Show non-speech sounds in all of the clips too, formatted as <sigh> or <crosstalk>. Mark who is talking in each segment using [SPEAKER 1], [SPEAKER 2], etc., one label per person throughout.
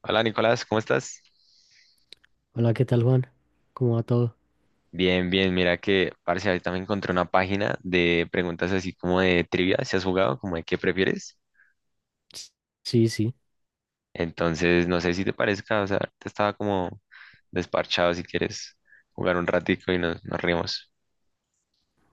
[SPEAKER 1] Hola Nicolás, ¿cómo estás?
[SPEAKER 2] Hola, ¿qué tal, Juan? ¿Cómo va todo?
[SPEAKER 1] Bien, bien, mira que, parce, ahorita me encontré una página de preguntas así como de trivia, si has jugado, como de qué prefieres.
[SPEAKER 2] S- Sí, sí,
[SPEAKER 1] Entonces, no sé si te parezca, o sea, te estaba como desparchado si quieres jugar un ratico y nos rimos.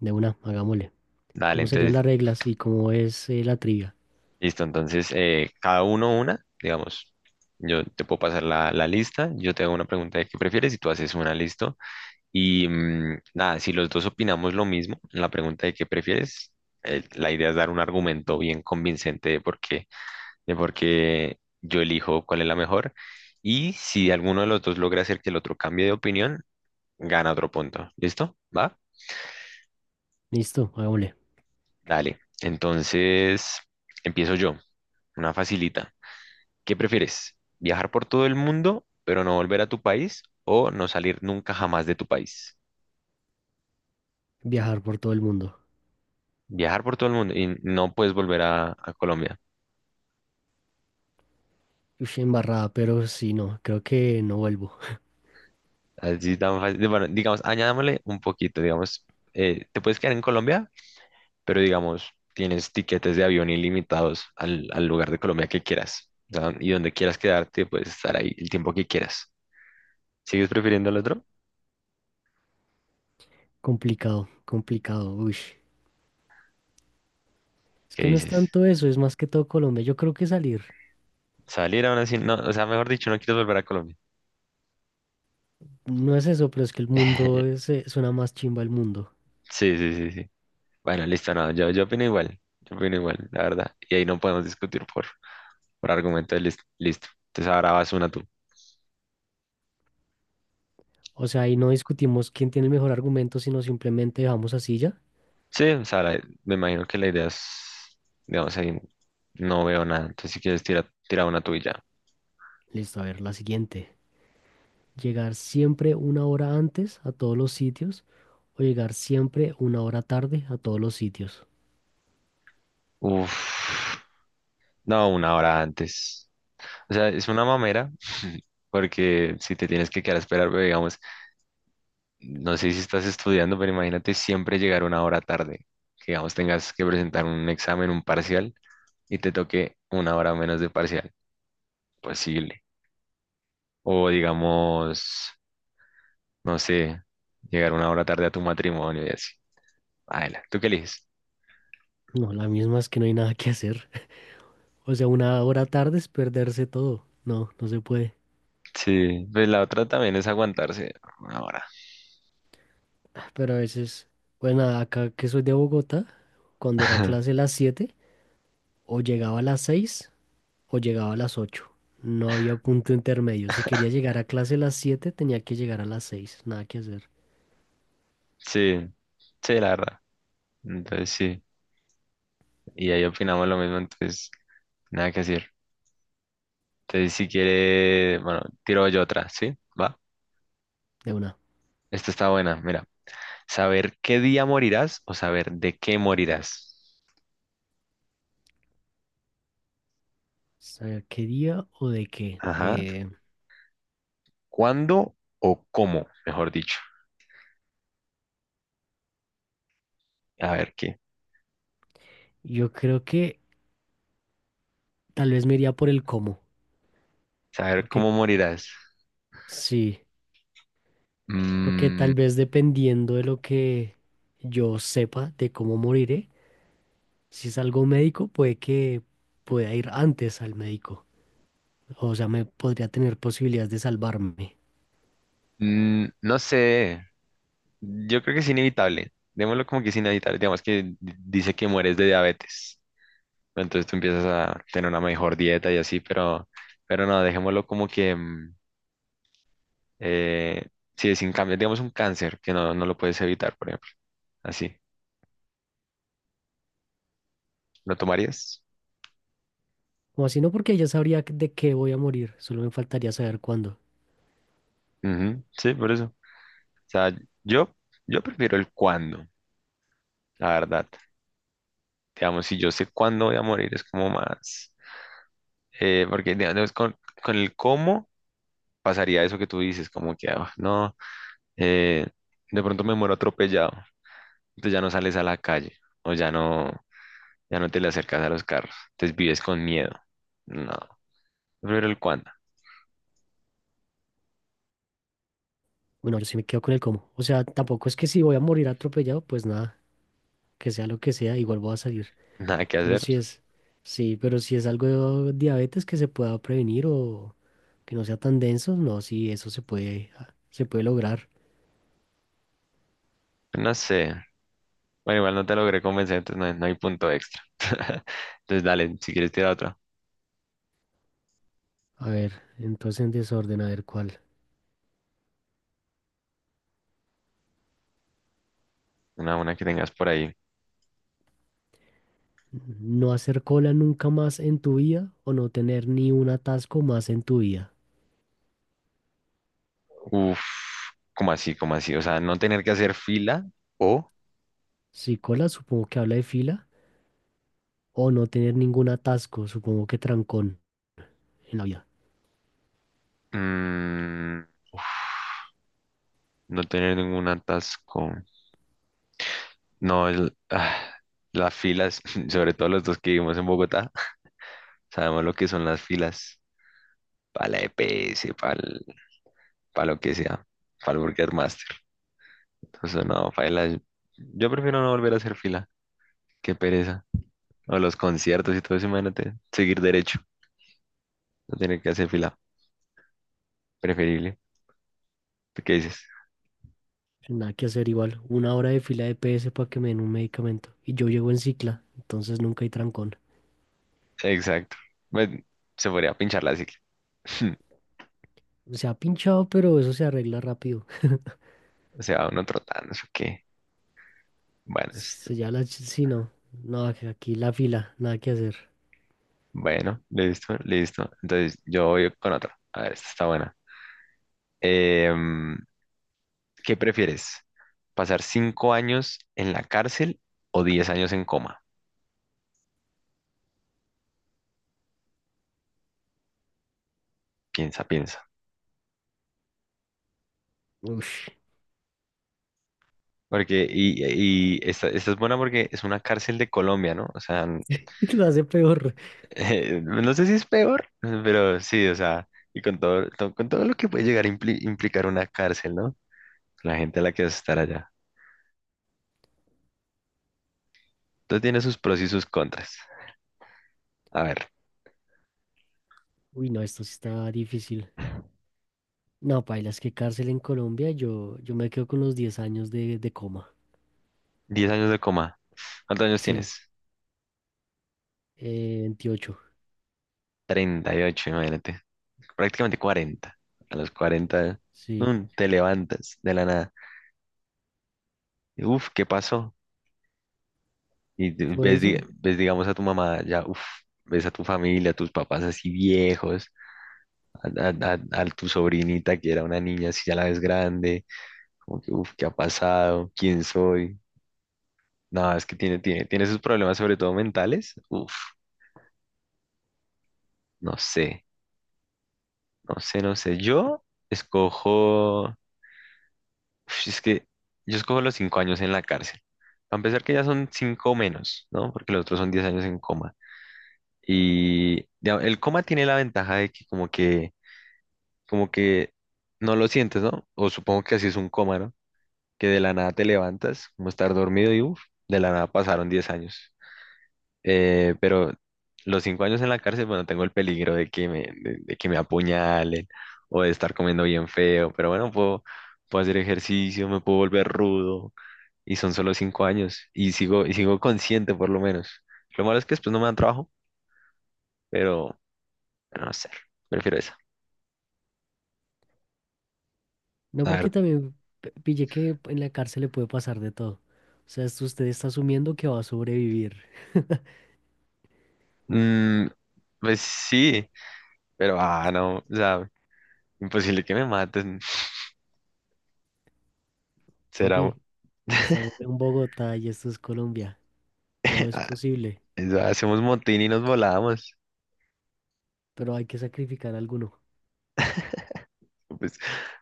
[SPEAKER 2] de una, hagámosle.
[SPEAKER 1] Dale,
[SPEAKER 2] ¿Cómo serían
[SPEAKER 1] entonces,
[SPEAKER 2] las reglas y cómo es la trivia?
[SPEAKER 1] listo, entonces, cada uno una, digamos, yo te puedo pasar la lista, yo te hago una pregunta de qué prefieres y tú haces una, listo. Y nada, si los dos opinamos lo mismo en la pregunta de qué prefieres, la idea es dar un argumento bien convincente de por qué yo elijo cuál es la mejor. Y si alguno de los dos logra hacer que el otro cambie de opinión, gana otro punto. ¿Listo? ¿Va?
[SPEAKER 2] Listo, hagámosle.
[SPEAKER 1] Dale. Entonces, empiezo yo. Una facilita. ¿Qué prefieres? ¿Viajar por todo el mundo, pero no volver a tu país? ¿O no salir nunca jamás de tu país?
[SPEAKER 2] Viajar por todo el mundo.
[SPEAKER 1] Viajar por todo el mundo y no puedes volver a Colombia.
[SPEAKER 2] Uy, embarrada, pero sí, no, creo que no vuelvo.
[SPEAKER 1] Así tan fácil. Bueno, digamos, añadámosle un poquito, digamos, te puedes quedar en Colombia, pero digamos, tienes tiquetes de avión ilimitados al lugar de Colombia que quieras. O sea, y donde quieras quedarte, puedes estar ahí el tiempo que quieras. ¿Sigues prefiriendo el otro?
[SPEAKER 2] <laughs> Complicado, complicado, uy. Es
[SPEAKER 1] ¿Qué
[SPEAKER 2] que no es
[SPEAKER 1] dices?
[SPEAKER 2] tanto eso, es más que todo Colombia. Yo creo que salir,
[SPEAKER 1] Salir aún así, no, o sea, mejor dicho, no quieres volver a Colombia.
[SPEAKER 2] no es eso, pero es que el mundo
[SPEAKER 1] <laughs>
[SPEAKER 2] es, suena más chimba el mundo.
[SPEAKER 1] Sí, sí, sí, sí. Bueno, listo, no, yo opino igual, yo opino igual, la verdad. Y ahí no podemos discutir por argumento de listo. Entonces ahora vas una tú.
[SPEAKER 2] O sea, ahí no discutimos quién tiene el mejor argumento, sino simplemente dejamos así ya.
[SPEAKER 1] Sí, o sea, me imagino que la idea es, digamos, ahí no veo nada. Entonces, si quieres, tira, tira una tuya.
[SPEAKER 2] Listo, a ver, la siguiente. Llegar siempre una hora antes a todos los sitios o llegar siempre una hora tarde a todos los sitios.
[SPEAKER 1] Uf, no, una hora antes. O sea, es una mamera, porque si te tienes que quedar a esperar, pero digamos, no sé si estás estudiando, pero imagínate siempre llegar una hora tarde. Que, digamos, tengas que presentar un examen, un parcial, y te toque una hora menos de parcial. Posible. O, digamos, no sé, llegar una hora tarde a tu matrimonio y así. Baila, ¿tú qué eliges?
[SPEAKER 2] No, la misma es que no hay nada que hacer. <laughs> O sea, una hora tarde es perderse todo. No, no se puede.
[SPEAKER 1] Sí, pues la otra también es aguantarse una hora.
[SPEAKER 2] Ah, pero a veces, bueno, acá que soy de Bogotá, cuando era clase a
[SPEAKER 1] <laughs>
[SPEAKER 2] las 7 o llegaba a las 6 o llegaba a las 8. No había punto intermedio. Si quería llegar a clase a las 7, tenía que llegar a las 6. Nada que hacer.
[SPEAKER 1] Sí, sí, la verdad. Entonces sí, y ahí opinamos lo mismo, entonces nada que decir. Entonces si quiere, bueno, tiro yo otra, ¿sí? Va.
[SPEAKER 2] De una. O
[SPEAKER 1] Esta está buena, mira. Saber qué día morirás o saber de qué morirás.
[SPEAKER 2] sea, ¿qué día o de qué?
[SPEAKER 1] Ajá. ¿Cuándo o cómo, mejor dicho? A ver qué.
[SPEAKER 2] Yo creo que tal vez me iría por el cómo,
[SPEAKER 1] Saber
[SPEAKER 2] porque
[SPEAKER 1] cómo morirás.
[SPEAKER 2] sí, porque
[SPEAKER 1] Mm,
[SPEAKER 2] tal vez dependiendo de lo que yo sepa de cómo moriré, si es algo médico, puede que pueda ir antes al médico. O sea, me podría tener posibilidades de salvarme.
[SPEAKER 1] no sé. Yo creo que es inevitable. Démoslo como que es inevitable. Digamos que dice que mueres de diabetes. Entonces tú empiezas a tener una mejor dieta y así, pero no, dejémoslo como que eh, si es sin cambio, digamos un cáncer que no, no lo puedes evitar, por ejemplo. Así. ¿Lo tomarías?
[SPEAKER 2] O así no, porque ya sabría de qué voy a morir, solo me faltaría saber cuándo.
[SPEAKER 1] Ujú, sí, por eso. O sea, yo, yo prefiero el cuándo, la verdad. Digamos, si yo sé cuándo voy a morir, es como más, porque digamos, con el cómo pasaría eso que tú dices, como que ah, no. eh, de pronto me muero atropellado, entonces ya no sales a la calle o ya no te le acercas a los carros, entonces vives con miedo. No, pero el cuándo,
[SPEAKER 2] Bueno, yo sí me quedo con el cómo. O sea, tampoco es que si voy a morir atropellado, pues nada, que sea lo que sea, igual voy a salir.
[SPEAKER 1] <laughs> nada que
[SPEAKER 2] Pero
[SPEAKER 1] hacer,
[SPEAKER 2] si es, sí, pero si es algo de diabetes que se pueda prevenir o que no sea tan denso, no, sí, eso se puede, ah, se puede lograr.
[SPEAKER 1] pues no sé. Bueno, igual no te logré convencer, entonces no hay punto extra. <laughs> Entonces dale, si quieres tirar otra,
[SPEAKER 2] A ver, entonces en desorden, a ver cuál.
[SPEAKER 1] una que tengas por ahí.
[SPEAKER 2] No hacer cola nunca más en tu vida o no tener ni un atasco más en tu vida.
[SPEAKER 1] Uf, como así, o sea, no tener que hacer fila o
[SPEAKER 2] Si cola, supongo que habla de fila, o no tener ningún atasco, supongo que trancón en la vida.
[SPEAKER 1] mm, uf, no tener ningún atasco. No, las filas, <laughs> sobre todo los dos que vivimos en Bogotá, <laughs> sabemos lo que son las filas para la EPS para lo que sea, para el Burger Master. Entonces, no, paila, yo prefiero no volver a hacer fila, qué pereza. O los conciertos y todo eso, imagínate, seguir derecho, no tener que hacer fila, preferible. ¿Tú qué dices?
[SPEAKER 2] Nada que hacer, igual una hora de fila de PS para que me den un medicamento. Y yo llego en cicla, entonces nunca hay trancón.
[SPEAKER 1] Exacto. Pues, se podría pinchar la cicla. <laughs>
[SPEAKER 2] Se ha pinchado, pero eso se arregla rápido.
[SPEAKER 1] O sea uno trotando, eso qué. Bueno,
[SPEAKER 2] Se ya la... ch- Sí, no. No, aquí la fila, nada que hacer.
[SPEAKER 1] bueno, listo, listo. Entonces, yo voy con otra. A ver, esta está buena. Em, ¿Qué prefieres? ¿Pasar 5 años en la cárcel o 10 años en coma? Piensa, piensa.
[SPEAKER 2] Uf,
[SPEAKER 1] Porque, y esta es buena porque es una cárcel de Colombia, ¿no? O sea,
[SPEAKER 2] <laughs> lo hace peor.
[SPEAKER 1] <laughs> no sé si es peor, pero sí, o sea, y con todo, con todo lo que puede llegar a implicar una cárcel, ¿no? La gente a la que vas a estar allá. Entonces tiene sus pros y sus contras. A ver,
[SPEAKER 2] Uy, no, esto sí está difícil. No, paila, es que cárcel en Colombia, yo me quedo con los 10 años de coma.
[SPEAKER 1] 10 años de coma. ¿Cuántos años
[SPEAKER 2] Sí,
[SPEAKER 1] tienes?
[SPEAKER 2] 28,
[SPEAKER 1] 38, imagínate. Prácticamente 40. A los 40,
[SPEAKER 2] sí.
[SPEAKER 1] te levantas de la nada. Uf, ¿qué pasó? Y
[SPEAKER 2] Por
[SPEAKER 1] ves,
[SPEAKER 2] eso,
[SPEAKER 1] ves, digamos, a tu mamá, ya, uf, ves a tu familia, a tus papás así viejos, a tu sobrinita que era una niña, así ya la ves grande, como que, uf, ¿qué ha pasado? ¿Quién soy? No, es que tiene sus problemas, sobre todo mentales. Uf, no sé, no sé, no sé. Yo escojo. Uf, es que yo escojo los 5 años en la cárcel. Para empezar, que ya son cinco menos, ¿no? Porque los otros son 10 años en coma. Y ya, el coma tiene la ventaja de que como que no lo sientes, ¿no? O supongo que así es un coma, ¿no? Que de la nada te levantas, como estar dormido y uff, de la nada pasaron 10 años. Pero los 5 años en la cárcel, bueno, tengo el peligro de que me apuñalen o de estar comiendo bien feo. Pero bueno, puedo hacer ejercicio, me puedo volver rudo y son solo 5 años y sigo consciente por lo menos. Lo malo es que después no me dan trabajo, pero no sé, prefiero esa.
[SPEAKER 2] no,
[SPEAKER 1] A ver,
[SPEAKER 2] porque también pillé que en la cárcel le puede pasar de todo. O sea, esto usted está asumiendo que va a sobrevivir.
[SPEAKER 1] mm, pues sí, pero ah, no, o sea, imposible que me maten. Será,
[SPEAKER 2] Papi, estamos
[SPEAKER 1] <laughs>
[SPEAKER 2] en Bogotá y esto es Colombia. Todo es
[SPEAKER 1] Ah,
[SPEAKER 2] posible,
[SPEAKER 1] eso, hacemos motín y nos volamos.
[SPEAKER 2] pero hay que sacrificar alguno.
[SPEAKER 1] Pues,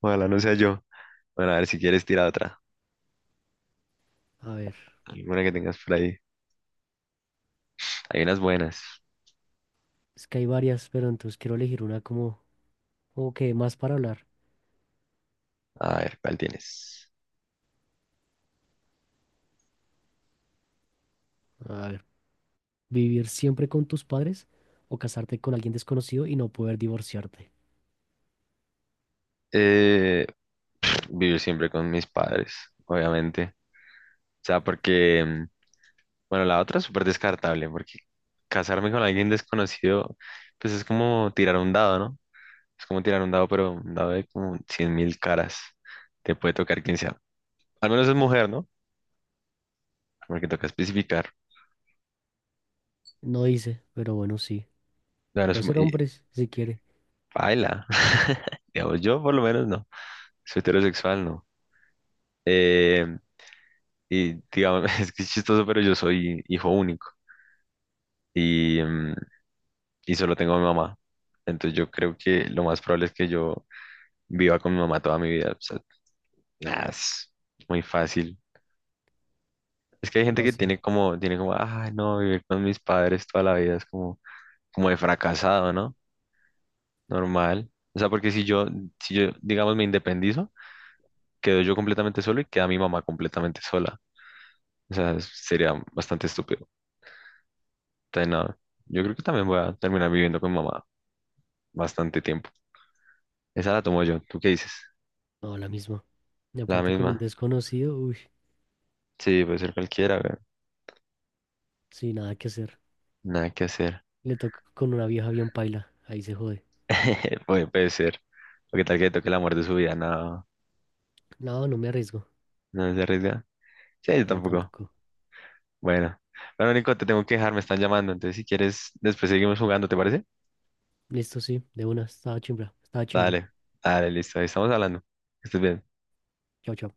[SPEAKER 1] ojalá no sea yo. Bueno, a ver si quieres tirar otra,
[SPEAKER 2] A ver,
[SPEAKER 1] alguna que tengas por ahí. Hay unas buenas.
[SPEAKER 2] es que hay varias, pero entonces quiero elegir una como, como que dé más para hablar.
[SPEAKER 1] A ver, ¿cuál tienes?
[SPEAKER 2] A ver. ¿Vivir siempre con tus padres o casarte con alguien desconocido y no poder divorciarte?
[SPEAKER 1] Eh, vivir siempre con mis padres, obviamente. O sea, porque bueno, la otra es súper descartable, porque casarme con alguien desconocido, pues es como tirar un dado, ¿no? Es como tirar un dado, pero un dado de como 100.000 caras. Te puede tocar quien sea. Al menos es mujer, ¿no? Porque toca especificar.
[SPEAKER 2] No dice, pero bueno, sí.
[SPEAKER 1] Claro, es
[SPEAKER 2] Puede ser
[SPEAKER 1] y
[SPEAKER 2] hombres, si quiere.
[SPEAKER 1] baila. <laughs> Digamos, yo por lo menos no. Soy heterosexual, no. Eh, y digamos, <laughs> es que es chistoso, pero yo soy hijo único y, mm, y solo tengo a mi mamá. Entonces yo creo que lo más probable es que yo viva con mi mamá toda mi vida. Nah, es muy fácil. Es que hay gente
[SPEAKER 2] No,
[SPEAKER 1] que
[SPEAKER 2] sí.
[SPEAKER 1] tiene como, ay no, vivir con mis padres toda la vida es como de fracasado, ¿no? Normal. O sea, porque si yo, digamos, me independizo, quedo yo completamente solo y queda mi mamá completamente sola. O sea, sería bastante estúpido. Entonces, no, yo creo que también voy a terminar viviendo con mi mamá bastante tiempo. Esa la tomo yo. ¿Tú qué dices?
[SPEAKER 2] No, la misma. Y
[SPEAKER 1] La
[SPEAKER 2] aparte con un
[SPEAKER 1] misma.
[SPEAKER 2] desconocido, uy,
[SPEAKER 1] Sí, puede ser cualquiera, güey.
[SPEAKER 2] sin nada que hacer.
[SPEAKER 1] Nada que hacer.
[SPEAKER 2] Le toca con una vieja bien paila. Ahí se jode.
[SPEAKER 1] <laughs> Puede ser. O qué tal que le toque el amor de su vida, no,
[SPEAKER 2] No, no me arriesgo.
[SPEAKER 1] no se arriesga. Sí, yo
[SPEAKER 2] No,
[SPEAKER 1] tampoco.
[SPEAKER 2] tampoco.
[SPEAKER 1] Bueno, bueno, Nico, te tengo que dejar, me están llamando. Entonces, si quieres, después seguimos jugando, ¿te parece?
[SPEAKER 2] Listo, sí. De una. Estaba chimba. Estaba chimba.
[SPEAKER 1] Dale, dale, listo, ahí estamos hablando. Que estés bien.
[SPEAKER 2] Chao, chao.